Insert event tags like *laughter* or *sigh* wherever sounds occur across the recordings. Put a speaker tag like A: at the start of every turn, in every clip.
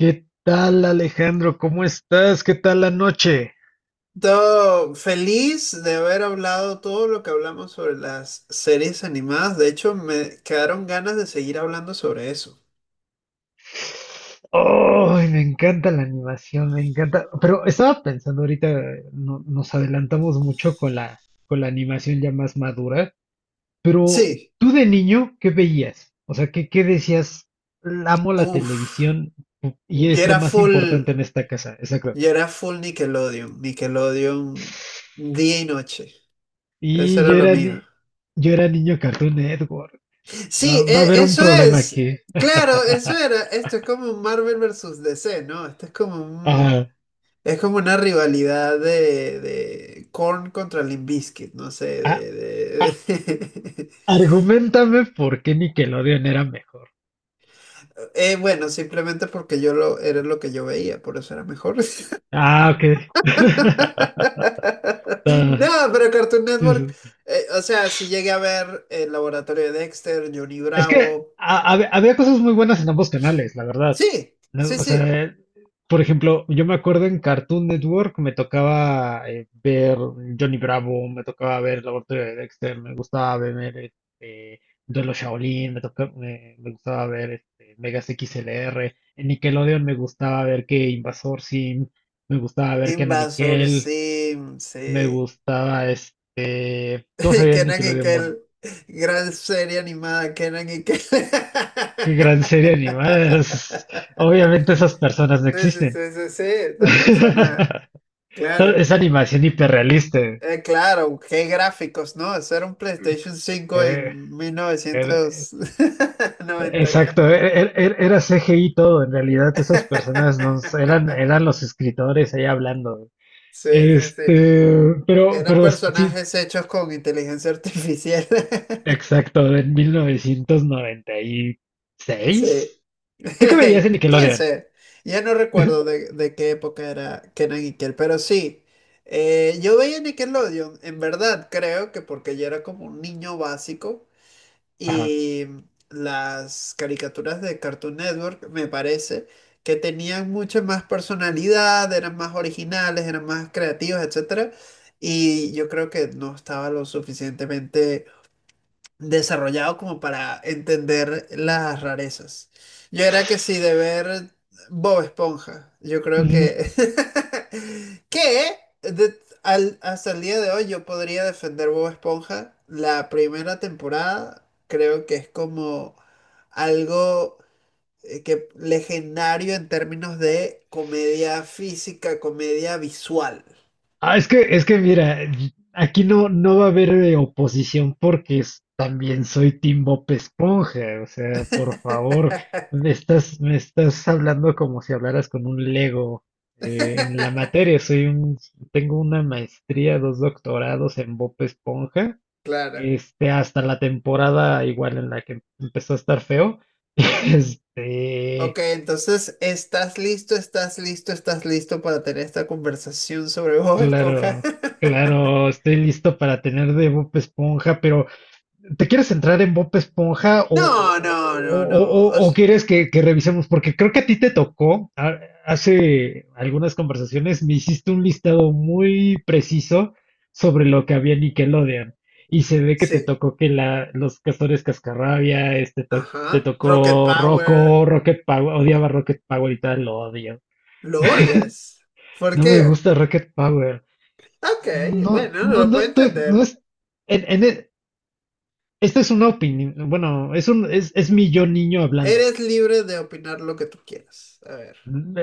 A: ¿Qué tal, Alejandro? ¿Cómo estás? ¿Qué tal la noche?
B: Todo feliz de haber hablado todo lo que hablamos sobre las series animadas. De hecho, me quedaron ganas de seguir hablando sobre eso.
A: ¡Ay, me encanta la animación, me encanta! Pero estaba pensando ahorita, nos adelantamos mucho con con la animación ya más madura. Pero
B: Sí,
A: tú de niño, ¿qué veías? O sea, ¿qué decías? Amo la
B: uff.
A: televisión y
B: Yo
A: es lo
B: era
A: más
B: full,
A: importante en esta casa. Exacto.
B: yo era full Nickelodeon. Nickelodeon día y noche. Eso
A: Y
B: era
A: yo
B: lo
A: era,
B: mío.
A: ni- yo era niño Cartoon Network. Va,
B: Sí,
A: va a haber un
B: eso
A: problema
B: es.
A: aquí.
B: Claro, eso era. Esto es como un Marvel versus DC, ¿no? Esto es como un,
A: Ajá.
B: Es como una rivalidad de Korn contra Limp Bizkit, no sé, *laughs*
A: Argumentame por qué Nickelodeon era mejor.
B: Bueno, simplemente porque yo lo era lo que yo veía, por eso era mejor. *laughs*
A: Ah, ok. *laughs* Ah,
B: No, pero Cartoon
A: pues,
B: Network, o sea, si llegué a ver el laboratorio de Dexter, Johnny
A: es que
B: Bravo,
A: había cosas muy buenas en ambos canales, la verdad.
B: sí,
A: No,
B: sí,
A: o
B: sí,
A: sea, por ejemplo, yo me acuerdo en Cartoon Network me tocaba ver Johnny Bravo, me tocaba ver El Laboratorio de Dexter, me gustaba ver este, Duelo Shaolin, me gustaba ver este, Megas XLR. En Nickelodeon me gustaba ver que Invasor Sim, me gustaba ver que
B: Invasor
A: Nickel.
B: Sim,
A: Me
B: sí.
A: gustaba este. ¿Cómo
B: *laughs*
A: sabía
B: Kenan y
A: Nickelodeon? Bueno,
B: Kel, gran serie animada, Kenan y Kel. *laughs*
A: qué gran serie animada. *laughs* Obviamente esas personas no
B: Sí, sí,
A: existen.
B: sí, sí, sí, esa
A: *laughs*
B: persona, claro.
A: Es animación hiperrealista.
B: Claro, qué gráficos, ¿no? Eso era un PlayStation 5
A: eh,
B: en
A: era-
B: 1990. Ya.
A: Exacto, era CGI todo, en realidad esas personas no s- eran,
B: *laughs*
A: eran los escritores ahí hablando.
B: Sí, sí, sí,
A: Este, pero,
B: eran
A: pero sí,
B: personajes hechos con inteligencia artificial. *laughs*
A: exacto, en
B: Sí.
A: 1996. ¿Tú qué veías en
B: *laughs*
A: Nickelodeon?
B: 15. Ya no recuerdo de qué época era que era Nickel, pero sí. Yo veía Nickelodeon, en verdad, creo que porque yo era como un niño básico,
A: Ajá.
B: y las caricaturas de Cartoon Network me parece que tenían mucha más personalidad, eran más originales, eran más creativos, etcétera. Y yo creo que no estaba lo suficientemente desarrollado como para entender las rarezas. Yo era que sí, de ver Bob Esponja. Yo creo que *laughs* que hasta el día de hoy yo podría defender Bob Esponja. La primera temporada creo que es como algo que legendario en términos de comedia física, comedia visual.
A: Ah, es que mira, aquí no va a haber oposición porque también soy Team Bob Esponja. O sea, por favor, me estás hablando como si hablaras con un Lego. En la
B: *laughs*
A: materia, tengo una maestría, dos doctorados en Bob Esponja.
B: Claro.
A: Este, hasta la temporada igual en la que empezó a estar feo. *laughs*
B: Ok,
A: Este,
B: entonces, ¿estás listo para tener esta conversación sobre Bob Esponja?
A: claro,
B: *laughs*
A: claro, estoy listo para tener de Bob Esponja, pero. ¿Te quieres entrar en Bob Esponja
B: No, no, no, no.
A: o quieres que revisemos? Porque creo que a ti te tocó, hace algunas conversaciones me hiciste un listado muy preciso sobre lo que había en Nickelodeon. Y se ve que
B: Sí,
A: te tocó que los castores cascarrabia, este, te
B: ajá. Rocket
A: tocó
B: Power,
A: Rocco, Rocket Power, odiaba Rocket Power y tal, lo odio.
B: lo odias. ¿Por
A: No me
B: qué?
A: gusta Rocket Power.
B: Ok,
A: No,
B: bueno,
A: no,
B: lo
A: no
B: puedo
A: estoy, no
B: entender.
A: es, en esta es una opinión, bueno, es mi yo niño hablando.
B: Eres libre de opinar lo que tú quieras. A ver.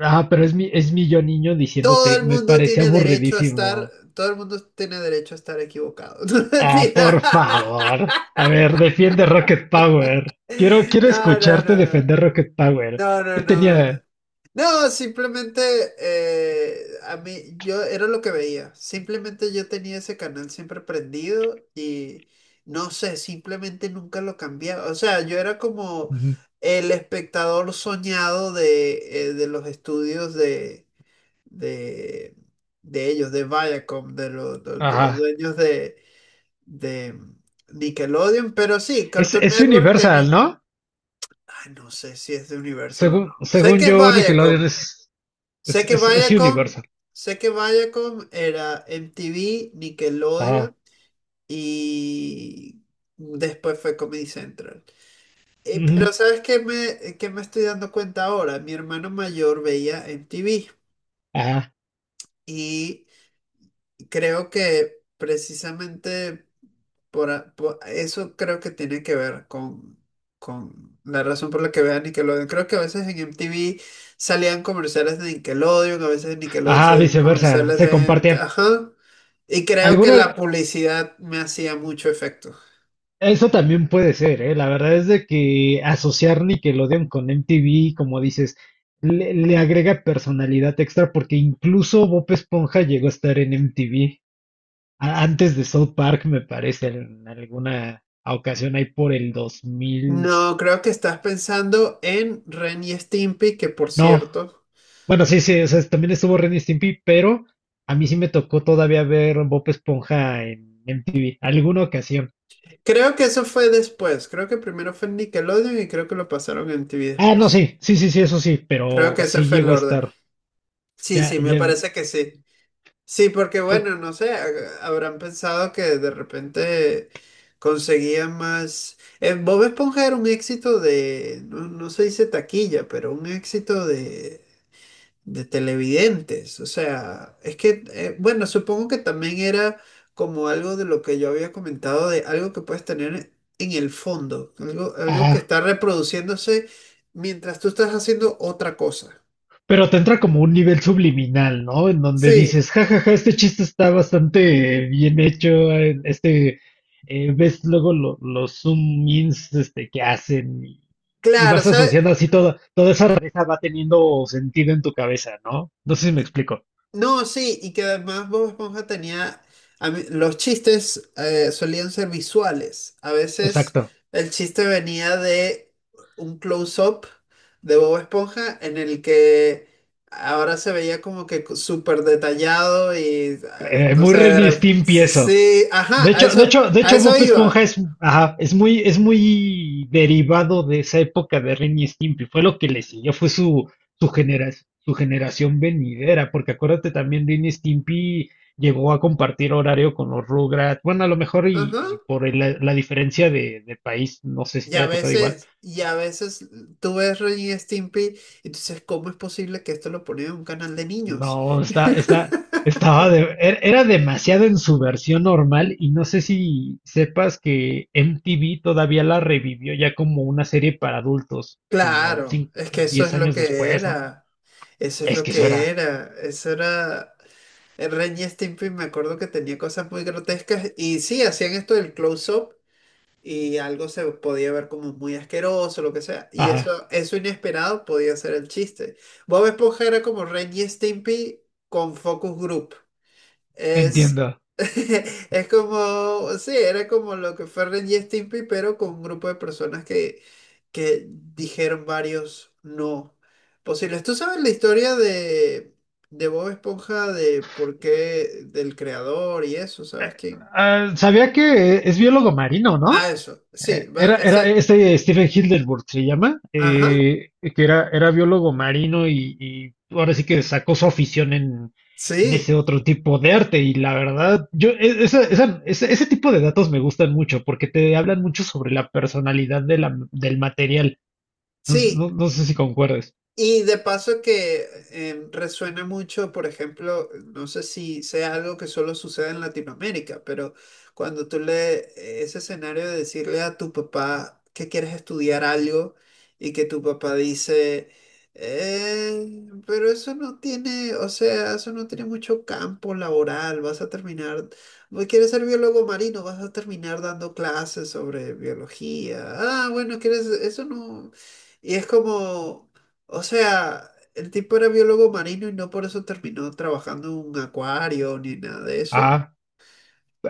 A: Ah, pero es mi yo niño
B: Todo
A: diciéndote,
B: el
A: me
B: mundo
A: parece
B: tiene derecho a estar,
A: aburridísimo.
B: todo el mundo tiene derecho a estar equivocado. *laughs* No,
A: Ah,
B: mentira.
A: por favor. A ver, defiende Rocket Power. Quiero,
B: *laughs*
A: quiero
B: No, no,
A: escucharte
B: no, no.
A: defender Rocket Power.
B: No, no,
A: ¿Qué
B: no.
A: tenía?
B: No, simplemente a mí, yo era lo que veía. Simplemente yo tenía ese canal siempre prendido y no sé, simplemente nunca lo cambiaba. O sea, yo era como
A: Ujú.
B: el espectador soñado de los estudios de, de, de ellos, de Viacom, de los
A: Ajá.
B: dueños de Nickelodeon. Pero sí,
A: Es,
B: Cartoon
A: es
B: Network tenía.
A: Universal, ¿no?
B: Ay, no sé si es de Universal o no.
A: Según,
B: Sé
A: según
B: que es
A: yo, Nickelodeon
B: Viacom.
A: es, es,
B: Sé que
A: es, es
B: Viacom,
A: Universal.
B: Sé que Viacom era MTV,
A: Ajá.
B: Nickelodeon y después fue Comedy Central.
A: Ujú.
B: Pero ¿sabes qué me estoy dando cuenta ahora? Mi hermano mayor veía MTV
A: Ajá.
B: y creo que precisamente eso creo que tiene que ver con la razón por la que vean Nickelodeon. Creo que a veces en MTV salían comerciales de Nickelodeon, a veces en Nickelodeon
A: Ajá,
B: salían
A: viceversa.
B: comerciales
A: Se compartían.
B: ajá. Y creo que la
A: ¿Alguna,
B: publicidad me hacía mucho efecto.
A: Eso también puede ser, ¿eh? La verdad es de que asociar Nickelodeon con MTV, como dices, le agrega personalidad extra porque incluso Bob Esponja llegó a estar en MTV antes de South Park, me parece, en alguna ocasión ahí por el 2000.
B: No, creo que estás pensando en Ren y Stimpy, que por
A: No,
B: cierto,
A: bueno, sí, sí, o sea, también estuvo Ren y Stimpy, pero a mí sí me tocó todavía ver Bob Esponja en MTV, alguna ocasión.
B: creo que eso fue después. Creo que primero fue en Nickelodeon y creo que lo pasaron en MTV
A: Ah, no,
B: después.
A: sí, sí, sí, sí, eso sí,
B: Creo
A: pero
B: que ese
A: sí
B: fue el
A: llegó a
B: orden.
A: estar.
B: Sí,
A: Ya,
B: sí, me
A: ya.
B: parece que sí. Sí, porque bueno, no sé, habrán pensado que de repente conseguían más. Bob Esponja era un éxito de, no, no se dice taquilla, pero un éxito de televidentes. O sea, es que, bueno, supongo que también era como algo de lo que yo había comentado, de algo que puedes tener en el fondo, algo, algo que
A: Ajá.
B: está reproduciéndose mientras tú estás haciendo otra cosa.
A: Pero te entra como un nivel subliminal, ¿no? En donde
B: Sí,
A: dices, jajaja, este chiste está bastante bien hecho, ves luego los zoom ins que hacen y
B: claro,
A: vas
B: ¿sabes?
A: asociando así toda esa rareza va teniendo sentido en tu cabeza, ¿no? No sé si me explico.
B: No, sí, y que además Bob Esponja tenía, los chistes solían ser visuales. A veces
A: Exacto.
B: el chiste venía de un close-up de Bob Esponja en el que ahora se veía como que súper detallado y ah,
A: Eh,
B: no
A: muy
B: sé,
A: Ren y Stimpy
B: sí,
A: eso.
B: sí, ajá,
A: De
B: a
A: hecho,
B: eso
A: Bob Esponja
B: iba.
A: es, ajá, es muy derivado de esa época de Ren y Stimpy. Fue lo que le siguió, fue su su generación venidera, porque acuérdate también, Ren y Stimpy llegó a compartir horario con los Rugrats. Bueno, a lo mejor
B: Ajá.
A: y por la diferencia de país, no sé si te haya tocado igual.
B: Y a veces tú ves Ren y Stimpy y tú dices, ¿cómo es posible que esto lo ponen en un canal de niños?
A: No, está, está, estaba de- er- era demasiado en su versión normal y no sé si sepas que MTV todavía la revivió ya como una serie para adultos, como
B: Claro,
A: 5,
B: es que eso es
A: 10
B: lo
A: años
B: que
A: después, ¿no?
B: era. Eso es
A: Es
B: lo
A: que eso
B: que
A: era.
B: era. Eso era. El Ren y Stimpy me acuerdo que tenía cosas muy grotescas. Y sí, hacían esto del close-up. Y algo se podía ver como muy asqueroso, lo que sea. Y
A: Ajá,
B: eso inesperado podía ser el chiste. Bob Esponja era como Ren y Stimpy con Focus Group. Es,
A: entiendo.
B: *laughs* es como, sí, era como lo que fue Ren y Stimpy, pero con un grupo de personas que dijeron varios no posibles. ¿Tú sabes la historia de Bob Esponja, de por qué, del creador y eso? ¿Sabes quién?
A: Ah, sabía que es biólogo marino, ¿no?
B: Ah, eso, sí,
A: Eh, Era, era este Stephen Hildenburg, se llama,
B: ajá,
A: era biólogo marino y ahora sí que sacó su afición en,
B: sí,
A: ese otro tipo de arte. Y la verdad, yo, e- esa- esa- ese tipo de datos me gustan mucho porque te hablan mucho sobre la personalidad de del material. No,
B: sí.
A: no sé si concuerdes.
B: Y de paso que resuena mucho, por ejemplo, no sé si sea algo que solo sucede en Latinoamérica, pero cuando tú le ese escenario de decirle a tu papá que quieres estudiar algo y que tu papá dice, Pero eso no tiene, o sea, eso no tiene mucho campo laboral, vas a terminar, quieres ser biólogo marino, vas a terminar dando clases sobre biología. Ah, bueno, quieres, eso no". Y es como... O sea, el tipo era biólogo marino y no por eso terminó trabajando en un acuario ni nada de eso.
A: Ah,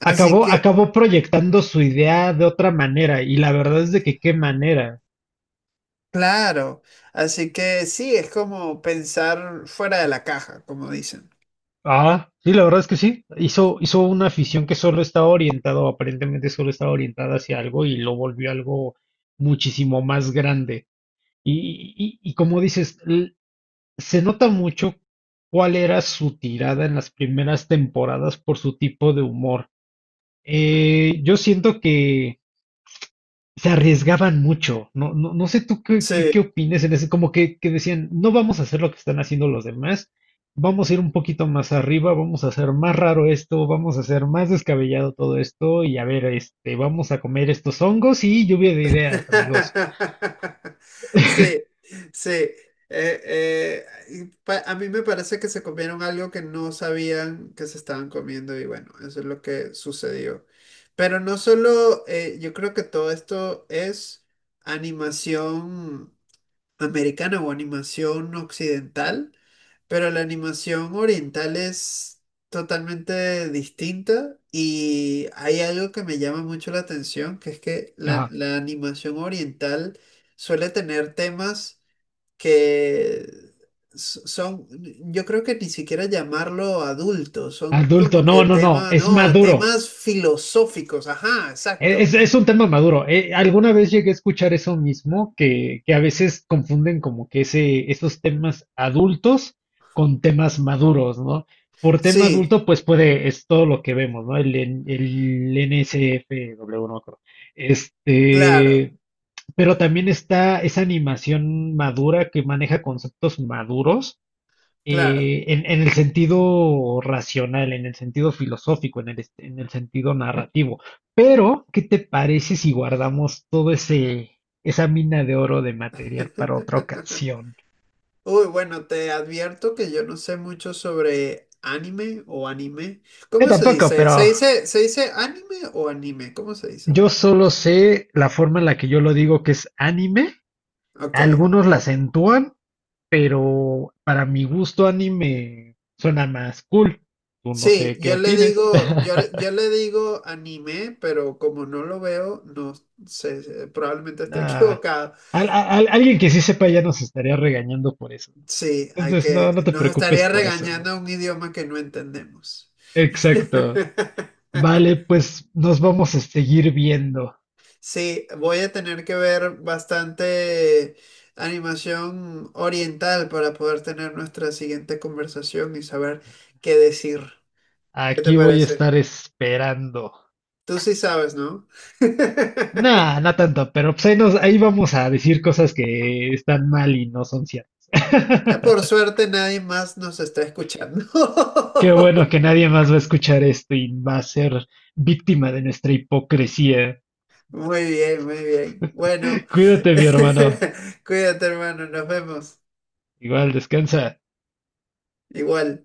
B: Así que,
A: acabó proyectando su idea de otra manera y la verdad es de que qué manera.
B: claro, así que sí, es como pensar fuera de la caja, como dicen.
A: Ah, sí, la verdad es que sí. Hizo una afición que solo estaba orientado, aparentemente solo estaba orientada hacia algo y lo volvió algo muchísimo más grande. Y como dices, se nota mucho cuál era su tirada en las primeras temporadas por su tipo de humor. Yo siento que se arriesgaban mucho. No, no, no sé tú
B: Sí.
A: qué opines en ese, como que decían, no vamos a hacer lo que están haciendo los demás, vamos a ir un poquito más arriba, vamos a hacer más raro esto, vamos a hacer más descabellado todo esto, y a ver, este, vamos a comer estos hongos y lluvia de ideas, amigos.
B: *laughs* Sí, sí. A mí me parece que se comieron algo que no sabían que se estaban comiendo y bueno, eso es lo que sucedió. Pero no solo, yo creo que todo esto es animación americana o animación occidental, pero la animación oriental es totalmente distinta y hay algo que me llama mucho la atención, que es que
A: Ajá.
B: la animación oriental suele tener temas que son, yo creo que ni siquiera llamarlo adultos, son
A: Adulto,
B: como
A: no,
B: que
A: no, no,
B: temas,
A: es
B: no,
A: maduro.
B: temas filosóficos, ajá, exacto,
A: Es un tema maduro. Alguna vez llegué a escuchar eso mismo, que a veces confunden como que esos temas adultos con temas maduros, ¿no? Por tema
B: sí,
A: adulto, pues puede, es todo lo que vemos, ¿no? El NSFW, no me acuerdo.
B: claro,
A: Este, pero también está esa animación madura que maneja conceptos maduros
B: claro.
A: en el sentido racional, en el sentido filosófico, en el sentido narrativo. Pero, ¿qué te parece si guardamos esa mina de oro de material para otra
B: *laughs*
A: ocasión?
B: Uy, bueno, te advierto que yo no sé mucho sobre anime o anime.
A: Yo
B: ¿Cómo se
A: tampoco,
B: dice? ¿Se
A: pero
B: dice, se dice anime o anime? ¿Cómo se dice?
A: yo solo sé la forma en la que yo lo digo que es anime.
B: Ok.
A: Algunos la acentúan, pero para mi gusto anime suena más cool. Tú no
B: Sí,
A: sé qué
B: yo le
A: opines.
B: digo,
A: *laughs*
B: yo le digo anime, pero como no lo veo, no sé, probablemente esté *laughs*
A: Nah.
B: equivocado.
A: Alguien que sí sepa ya nos estaría regañando por eso.
B: Sí, hay
A: Entonces,
B: que,
A: no te
B: nos
A: preocupes
B: estaría
A: por eso.
B: regañando un idioma que no entendemos.
A: Exacto.
B: *laughs*
A: Vale, pues nos vamos a seguir viendo.
B: Sí, voy a tener que ver bastante animación oriental para poder tener nuestra siguiente conversación y saber qué decir. ¿Qué te
A: Aquí voy a
B: parece?
A: estar esperando.
B: Tú sí sabes, ¿no?
A: Nah,
B: *laughs*
A: no tanto, pero pues ahí vamos a decir cosas que están mal y no son ciertas.
B: Por
A: *laughs*
B: suerte nadie más nos está escuchando.
A: Qué bueno que
B: *laughs*
A: nadie más va a escuchar esto y va a ser víctima de nuestra hipocresía.
B: Muy bien, muy bien. Bueno,
A: *laughs* Cuídate, mi hermano.
B: *laughs* cuídate, hermano, nos vemos.
A: Igual, descansa.
B: Igual.